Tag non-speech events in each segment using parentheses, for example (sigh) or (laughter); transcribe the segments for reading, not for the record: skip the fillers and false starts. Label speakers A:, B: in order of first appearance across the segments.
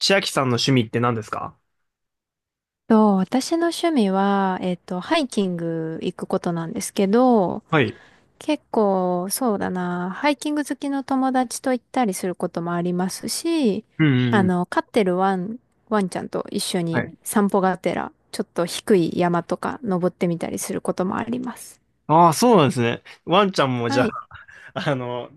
A: 千秋さんの趣味って何ですか？
B: 私の趣味は、ハイキング行くことなんですけど、
A: はい。
B: 結構、そうだな、ハイキング好きの友達と行ったりすることもありますし、
A: うんうんうん。
B: 飼ってるワンちゃんと一緒
A: は
B: に
A: い。
B: 散歩がてら、ちょっと低い山とか登ってみたりすることもあります。
A: ああ、そうなんですね。ワンちゃんもじゃ
B: は
A: あ、
B: い。
A: (laughs) あの、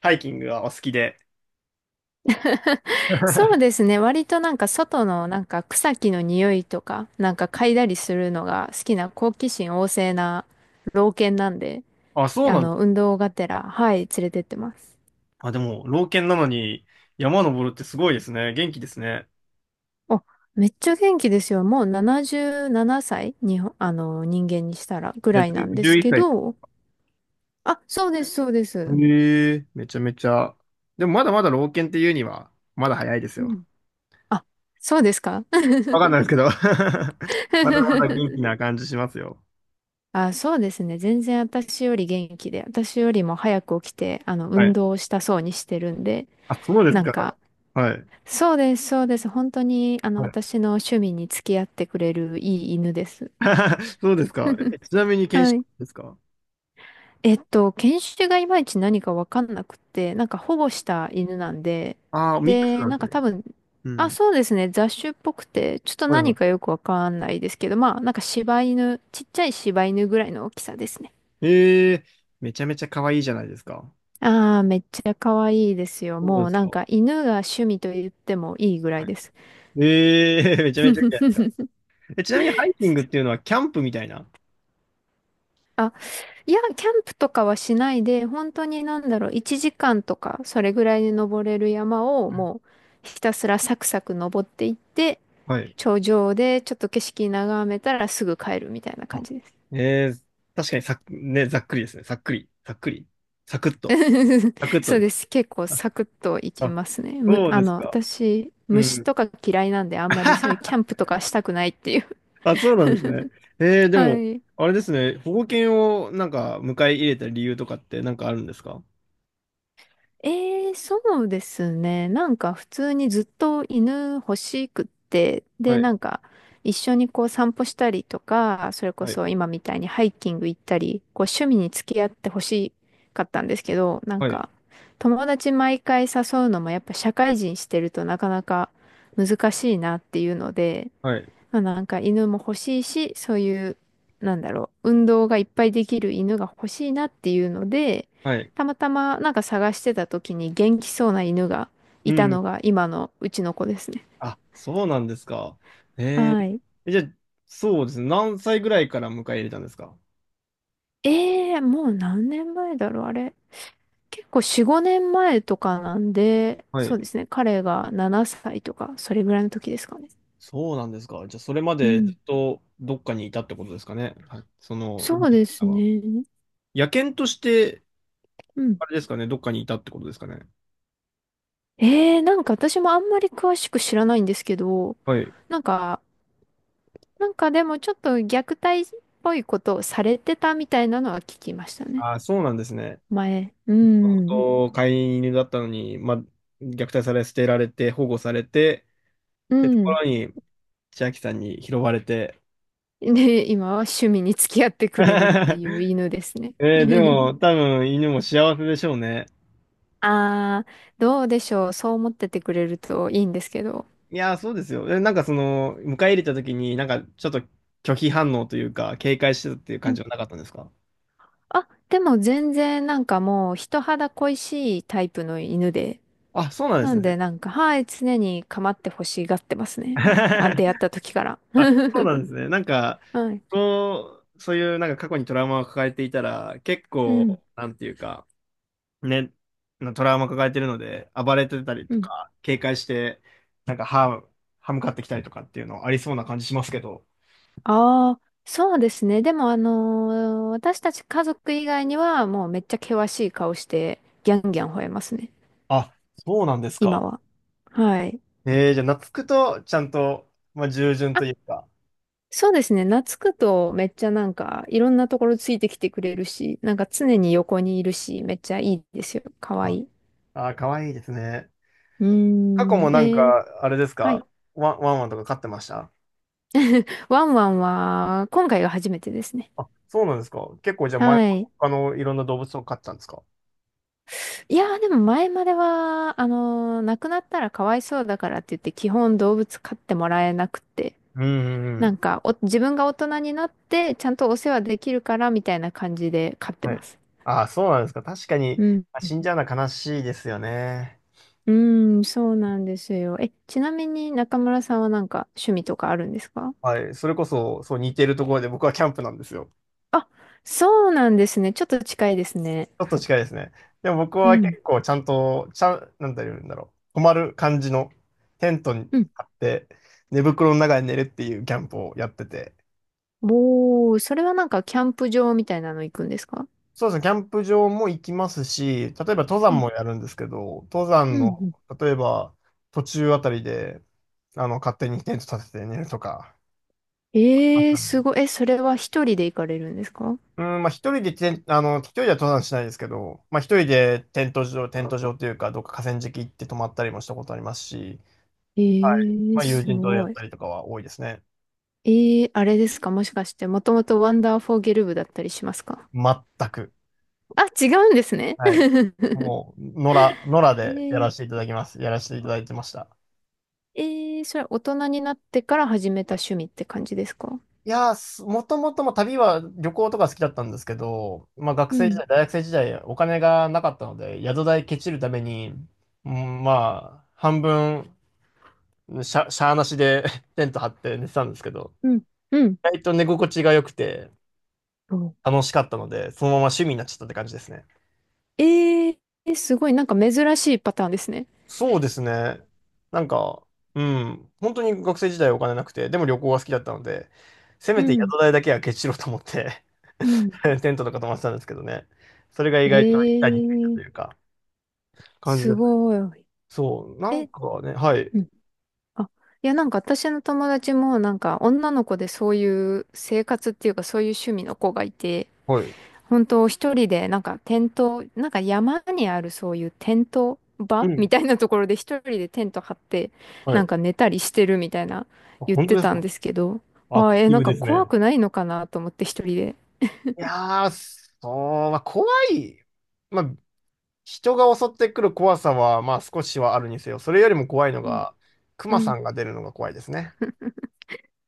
A: ハイキングがお好きで。
B: (laughs) そうで
A: (laughs)
B: すね。割となんか外のなんか草木の匂いとか、なんか嗅いだりするのが好きな好奇心旺盛な老犬なんで、
A: あ、そうなんだ。
B: 運動がてら、はい、連れてってます。
A: あ、でも、老犬なのに山登るってすごいですね。元気ですね。
B: お、めっちゃ元気ですよ。もう77歳に、人間にしたらぐ
A: じゃあ、
B: らいなんで
A: 1
B: す
A: 1
B: け
A: 歳。
B: ど、あ、そうです、そうです。
A: へえ、めちゃめちゃ。でもまだまだ老犬っていうには、まだ早いです
B: う
A: よ。
B: ん。あ、そうですか？
A: わかんないですけど。(laughs) まだまだ元気
B: (laughs)
A: な感じしますよ。
B: あ、そうですね。全然私より元気で、私よりも早く起きて、
A: は
B: 運
A: い。
B: 動をしたそうにしてるんで、
A: あ、そうです
B: なん
A: か。
B: か、
A: はい。
B: そうです、そうです。本当に、
A: はい。
B: 私の趣味に付き合ってくれるいい犬です。
A: (laughs) そうですか。
B: (laughs)
A: ちなみに犬
B: は
A: 種
B: い。
A: ですか？
B: 犬種がいまいち何かわかんなくって、なんか保護した犬なんで、
A: ああ、ミックス
B: で、
A: なん
B: な
A: で
B: ん
A: す
B: か
A: ね。
B: 多分、
A: う
B: あ、
A: ん。
B: そうですね、雑種っぽくて、ちょっと
A: はいは
B: 何か
A: い。
B: よくわかんないですけど、まあ、なんか柴犬、ちっちゃい柴犬ぐらいの大きさですね。
A: ええ。めちゃめちゃ可愛いじゃないですか。
B: ああ、めっちゃ可愛いですよ。
A: そう
B: も
A: で
B: う
A: す
B: なん
A: か。
B: か犬が趣味と言ってもいいぐらい
A: はい。
B: です。
A: ええ。 (laughs) めちゃめちゃいいじゃないですか。え、ちなみにハイキングっていうのはキャンプみたいな。
B: あ、いや、キャンプとかはしないで、本当になんだろう、1時間とか、それぐらいで登れる山を
A: うん。
B: もうひたすらサクサク登っていって、
A: はい。
B: 頂上でちょっと景色眺めたらすぐ帰るみたいな感
A: あ、
B: じです。
A: ええ、確かにね、ざっくりですね。さっくり。さっくり。サクッと。
B: (laughs)
A: サクッと
B: そう
A: で
B: で
A: す。
B: す。結構
A: あ、
B: サクッと行き
A: あ、
B: ますね。
A: そうですか。
B: 私、
A: う
B: 虫
A: ん。
B: とか嫌いなんであんまりそういうキャン
A: (laughs)
B: プとかしたくないっていう。
A: あ、そうなんですね。ええ。
B: (laughs)
A: で
B: は
A: も、
B: い。
A: あれですね。保護犬をなんか迎え入れた理由とかってなんかあるんですか？
B: ええ、そうですね。なんか普通にずっと犬欲しくって、
A: は
B: で、
A: い。
B: なんか一緒にこう散歩したりとか、それこ
A: はい。
B: そ今みたいにハイキング行ったり、こう趣味に付き合って欲しかったんですけど、なん
A: はい。
B: か友達毎回誘うのもやっぱ社会人してるとなかなか難しいなっていうので、
A: はい。
B: まあ、なんか犬も欲しいし、そういう、なんだろう、運動がいっぱいできる犬が欲しいなっていうので、
A: はい。
B: たまたまなんか探してた時に元気そうな犬が
A: う
B: いたの
A: ん。
B: が今のうちの子ですね。
A: あ、そうなんですか。え
B: は
A: ー、
B: い。
A: じゃあ、そうですね。何歳ぐらいから迎え入れたんですか？
B: ええ、もう何年前だろう、あれ。結構4、5年前とかなんで、
A: は
B: そ
A: い。
B: うですね。彼が7歳とか、それぐらいの時ですかね。
A: そうなんですか。じゃあ、それま
B: う
A: でずっ
B: ん。
A: とどっかにいたってことですかね。はい。その、生
B: そ
A: ま
B: う
A: れて
B: で
A: か
B: す
A: らは。
B: ね。
A: 野犬として、
B: うん。
A: あれですかね、どっかにいたってことですかね。
B: ええ、なんか私もあんまり詳しく知らないんですけど、
A: はい。
B: なんかなんかでもちょっと虐待っぽいことをされてたみたいなのは聞きましたね。
A: あ、そうなんですね。
B: 前。う
A: もとも
B: ん。
A: と飼い犬だったのに、まあ、虐待され、捨てられて、保護されて、
B: う
A: ってとこ
B: ん。
A: ろに、千秋さんに拾われて。
B: で、今は趣味に付き合ってくれるっていう
A: (laughs)
B: 犬ですね。
A: えーで
B: (laughs)
A: も、多分、犬も幸せでしょうね。
B: ああ、どうでしょう。そう思っててくれるといいんですけど。
A: いやー、そうですよ。なんかその、迎え入れた時に、なんかちょっと拒否反応というか、警戒してたっていう
B: う
A: 感じ
B: ん。
A: はなかったんですか？
B: あ、でも全然なんかもう人肌恋しいタイプの犬で。
A: あ、そうなんで
B: な
A: す
B: んで
A: ね。
B: なんか、はい、常に構ってほしがってますね。あ、出会っ
A: (laughs)
B: た時から。(laughs)
A: あ、そうなんですね。なんか、
B: はい。
A: そう、そういうなんか過去にトラウマを抱えていたら、結
B: うん。
A: 構、なんていうか、ね、なトラウマ抱えてるので、暴れてたり
B: う
A: と
B: ん。
A: か、警戒して、なんか歯、歯向かってきたりとかっていうのありそうな感じしますけど。
B: ああ、そうですね。でも、私たち家族以外には、もうめっちゃ険しい顔して、ギャンギャン吠えますね。
A: あ、そうなんです
B: 今
A: か。
B: は。はい。
A: じゃあ、懐くと、ちゃんと、まあ、従順
B: あ、
A: というか、
B: そうですね。懐くと、めっちゃなんか、いろんなところついてきてくれるし、なんか常に横にいるし、めっちゃいいですよ。かわい
A: あ、
B: い。
A: ああ、かわいいですね。
B: うー
A: 過去も
B: ん。
A: なんか、
B: ー、
A: あれです
B: はい。
A: か？ワンワンとか飼ってました？
B: ワンワンは、今回が初めてですね。
A: あ、そうなんですか。結構じゃあ前、
B: はい。
A: 他のいろんな動物を飼ってたんですか？
B: いやー、でも前までは、亡くなったらかわいそうだからって言って、基本動物飼ってもらえなくて、
A: うんうんう
B: なん
A: ん。
B: か自分が大人になってちゃんとお世話できるからみたいな感じで飼って
A: は
B: ま
A: い。
B: す。
A: ああ、そうなんですか。確かに、
B: うん。
A: 死んじゃうのは悲しいですよね。
B: うん、そうなんですよ。え、ちなみに中村さんはなんか趣味とかあるんですか？
A: はい。それこそ、そう似てるところで、僕はキャンプなんですよ。
B: あ、そうなんですね。ちょっと近いですね。
A: ちょっと近いですね。でも僕
B: う
A: は
B: ん。
A: 結構ちゃんと、ちゃん、なんて言うんだろう。泊まる感じのテントに
B: うん。
A: 張って、寝袋の中で寝るっていうキャンプをやってて。
B: おー、それはなんかキャンプ場みたいなの行くんですか？
A: そうですね、キャンプ場も行きますし、例えば登山
B: うん
A: もやるんですけど、登
B: う
A: 山
B: んう
A: の、
B: ん。
A: 例えば途中あたりで、勝手にテント立てて寝るとか。あっ
B: えー、
A: た
B: す
A: ね。
B: ごい。え、それは一人で行かれるんですか？
A: うん、まあ一人でテン、あの、一人では登山しないですけど、まあ一人でテント場というか、どっか河川敷行って泊まったりもしたことありますし、
B: え
A: はい。
B: ー、
A: まあ友
B: す
A: 人とや
B: ご
A: っ
B: い。
A: たりとかは多いですね。
B: えー、あれですか？もしかして、もともとワンダーフォーゲル部だったりしますか？
A: 全く。
B: あ、違うんですね。
A: はい。
B: (laughs)
A: もう、野良
B: え
A: でや
B: ー、
A: らせていただきます。やらせていただいてました。
B: えそれは大人になってから始めた趣味って感じですか？
A: いやー、すもともとも旅は旅行とか好きだったんですけど、まあ学
B: う
A: 生時
B: ん、
A: 代、大学生時代お金がなかったので、宿代ケチるために、うん、まあ、半分、しゃーなしで (laughs) テント張って寝てたんですけど、
B: うん、うん。
A: 意外と寝心地が良くて
B: そう。
A: 楽しかったので、そのまま趣味になっちゃったって感じですね。
B: えー、すごい、なんか珍しいパターンですね。
A: そうですね。なんか、うん、本当に学生時代お金なくて、でも旅行が好きだったので、せ
B: う
A: めて
B: ん、
A: 宿代だけはケチしろうと思って
B: うん。
A: (laughs) テントとか泊まってたんですけどね。それが意
B: え
A: 外と一体についたと
B: ー、
A: いうか、感じで
B: す
A: すね。
B: ごい。
A: そう、なん
B: え、
A: かね、はい、
B: うん。あ、いや、なんか私の友達も、なんか女の子でそういう生活っていうか、そういう趣味の子がいて、
A: はい、
B: 本当一人でなんかテント、なんか山にあるそういうテント
A: う
B: 場
A: ん、
B: みたいなところで一人でテント張って
A: は
B: な
A: い。
B: んか寝たりしてるみたいな
A: あ、
B: 言っ
A: 本当
B: て
A: です
B: たん
A: か？
B: ですけど、
A: ア
B: あ
A: ク
B: あ、
A: ティ
B: なん
A: ブ
B: か
A: です
B: 怖
A: ね。
B: くないのかなと思って一人で。
A: いやー、そう、まあ、怖い。まあ、人が襲ってくる怖さは、まあ、少しはあるにせよ、それよりも怖いの
B: うん。
A: が、ク
B: う
A: マさ
B: ん。
A: んが出るのが怖いですね。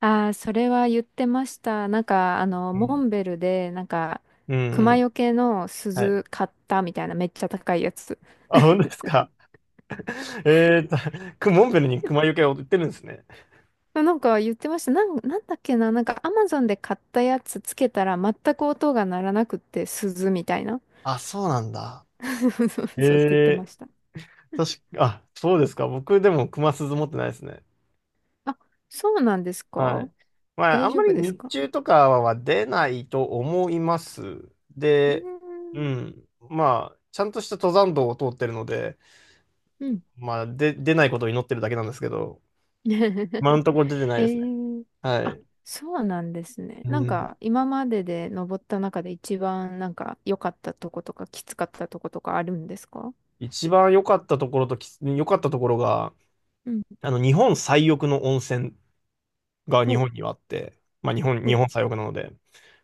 B: ああ、それは言ってました。なんか、モンベルで、なんか、
A: うんう
B: 熊
A: ん。
B: よけの
A: はい。
B: 鈴買ったみたいな、めっちゃ高いやつ。
A: あ、本当ですか。(laughs) えーと、モンベルに熊よけを売ってるんですね。
B: なんか言ってました。なんだっけな。なんかアマゾンで買ったやつつけたら全く音が鳴らなくって鈴みたいな。
A: あ、そうなんだ。
B: (laughs) そうそ
A: え
B: うそうって言ってま
A: ー、
B: した。
A: 確か、あ、そうですか。僕でも熊鈴持ってないですね。
B: あ、そうなんです
A: は
B: か？
A: い。まあ、あ
B: 大
A: ん
B: 丈
A: ま
B: 夫
A: り
B: です
A: 日
B: か？
A: 中とかは出ないと思います。
B: うー
A: で、う
B: ん。
A: ん。まあ、ちゃんとした登山道を通ってるので、
B: うん。
A: まあ、で、出ないことを祈ってるだけなんですけど、今の
B: (laughs)
A: ところ出てない
B: え
A: ですね。
B: ー、
A: は
B: あ、
A: い。
B: そうなんですね。
A: う
B: なん
A: ん。
B: か今までで登った中で一番なんか良かったとことかきつかったとことかあるんですか？
A: 一番良かったところとき、良かったところが、
B: うん。
A: あの、日本最奥の温泉が日
B: お、
A: 本にはあって、まあ日本、日
B: お、
A: 本最奥なので、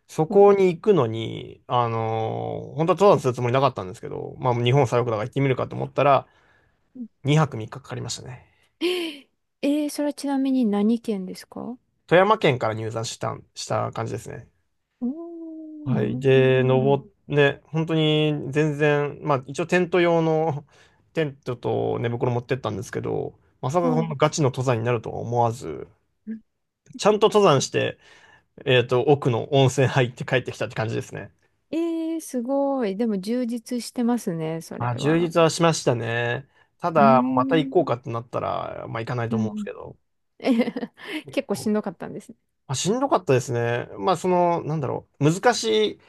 A: そ
B: お、お。
A: こに行くのに、本当は登山するつもりなかったんですけど、まあ日本最奥だから行ってみるかと思ったら、
B: うん。
A: 2泊3日かかかりましたね。
B: えそれはちなみに何県ですか？
A: 富山県から入山したん、した感じですね。
B: おー、
A: は
B: な
A: い。
B: るほ
A: で、
B: ど。
A: ね、本当に全然、まあ一応テント用の (laughs) テントと寝袋持ってったんですけど、まさか
B: は
A: こんな
B: い。
A: ガチの登山になるとは思わず、ちゃんと登山して、奥の温泉入って帰ってきたって感じですね。
B: えー、すごい。でも充実してますね、それ
A: あ、充
B: は。
A: 実はしましたね。た
B: う
A: だ、また行
B: ーん。
A: こうかってなったら、まあ行かない
B: う
A: と思うんです
B: ん。
A: けど。
B: (laughs) えへへ
A: 結
B: 結構し
A: 構
B: んどかったんですね。
A: あ、しんどかったですね。まあその、なんだろう、難しい、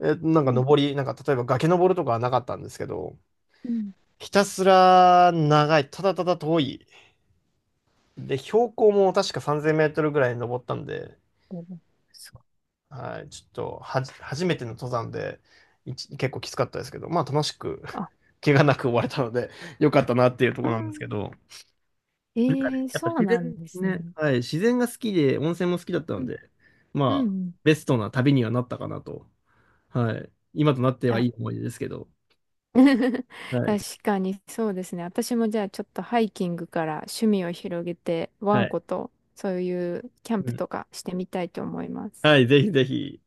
A: なん
B: う
A: か
B: ん。
A: なんか例えば崖登るとかはなかったんですけど、
B: うん。
A: ひたすら長い、ただただ遠い。で、標高も確か3000メートルぐらい登ったんで、
B: すごい。
A: はい、ちょっと初めての登山で、結構きつかったですけど、まあ楽しく
B: あ、
A: 怪我なく終われたので、(laughs) よかったなっていうとこ
B: あ
A: ろなんですけど、
B: あ、えー、
A: やっぱ
B: そう
A: 自
B: なん
A: 然
B: です
A: ね、
B: ね。
A: はい、自然が好きで、温泉も好きだった
B: う
A: の
B: ん。
A: で、
B: うん
A: ま
B: う
A: あ、
B: ん。
A: ベストな旅にはなったかなと。はい。今となっては
B: あ
A: いい思い出ですけど。は
B: (laughs)
A: い。
B: 確かにそうですね。私もじゃあちょっとハイキングから趣味を広げて、ワ
A: は
B: ン
A: い。
B: コとそういうキャン
A: う
B: プ
A: ん。
B: とかしてみたいと思います。
A: はい、ぜひぜひ。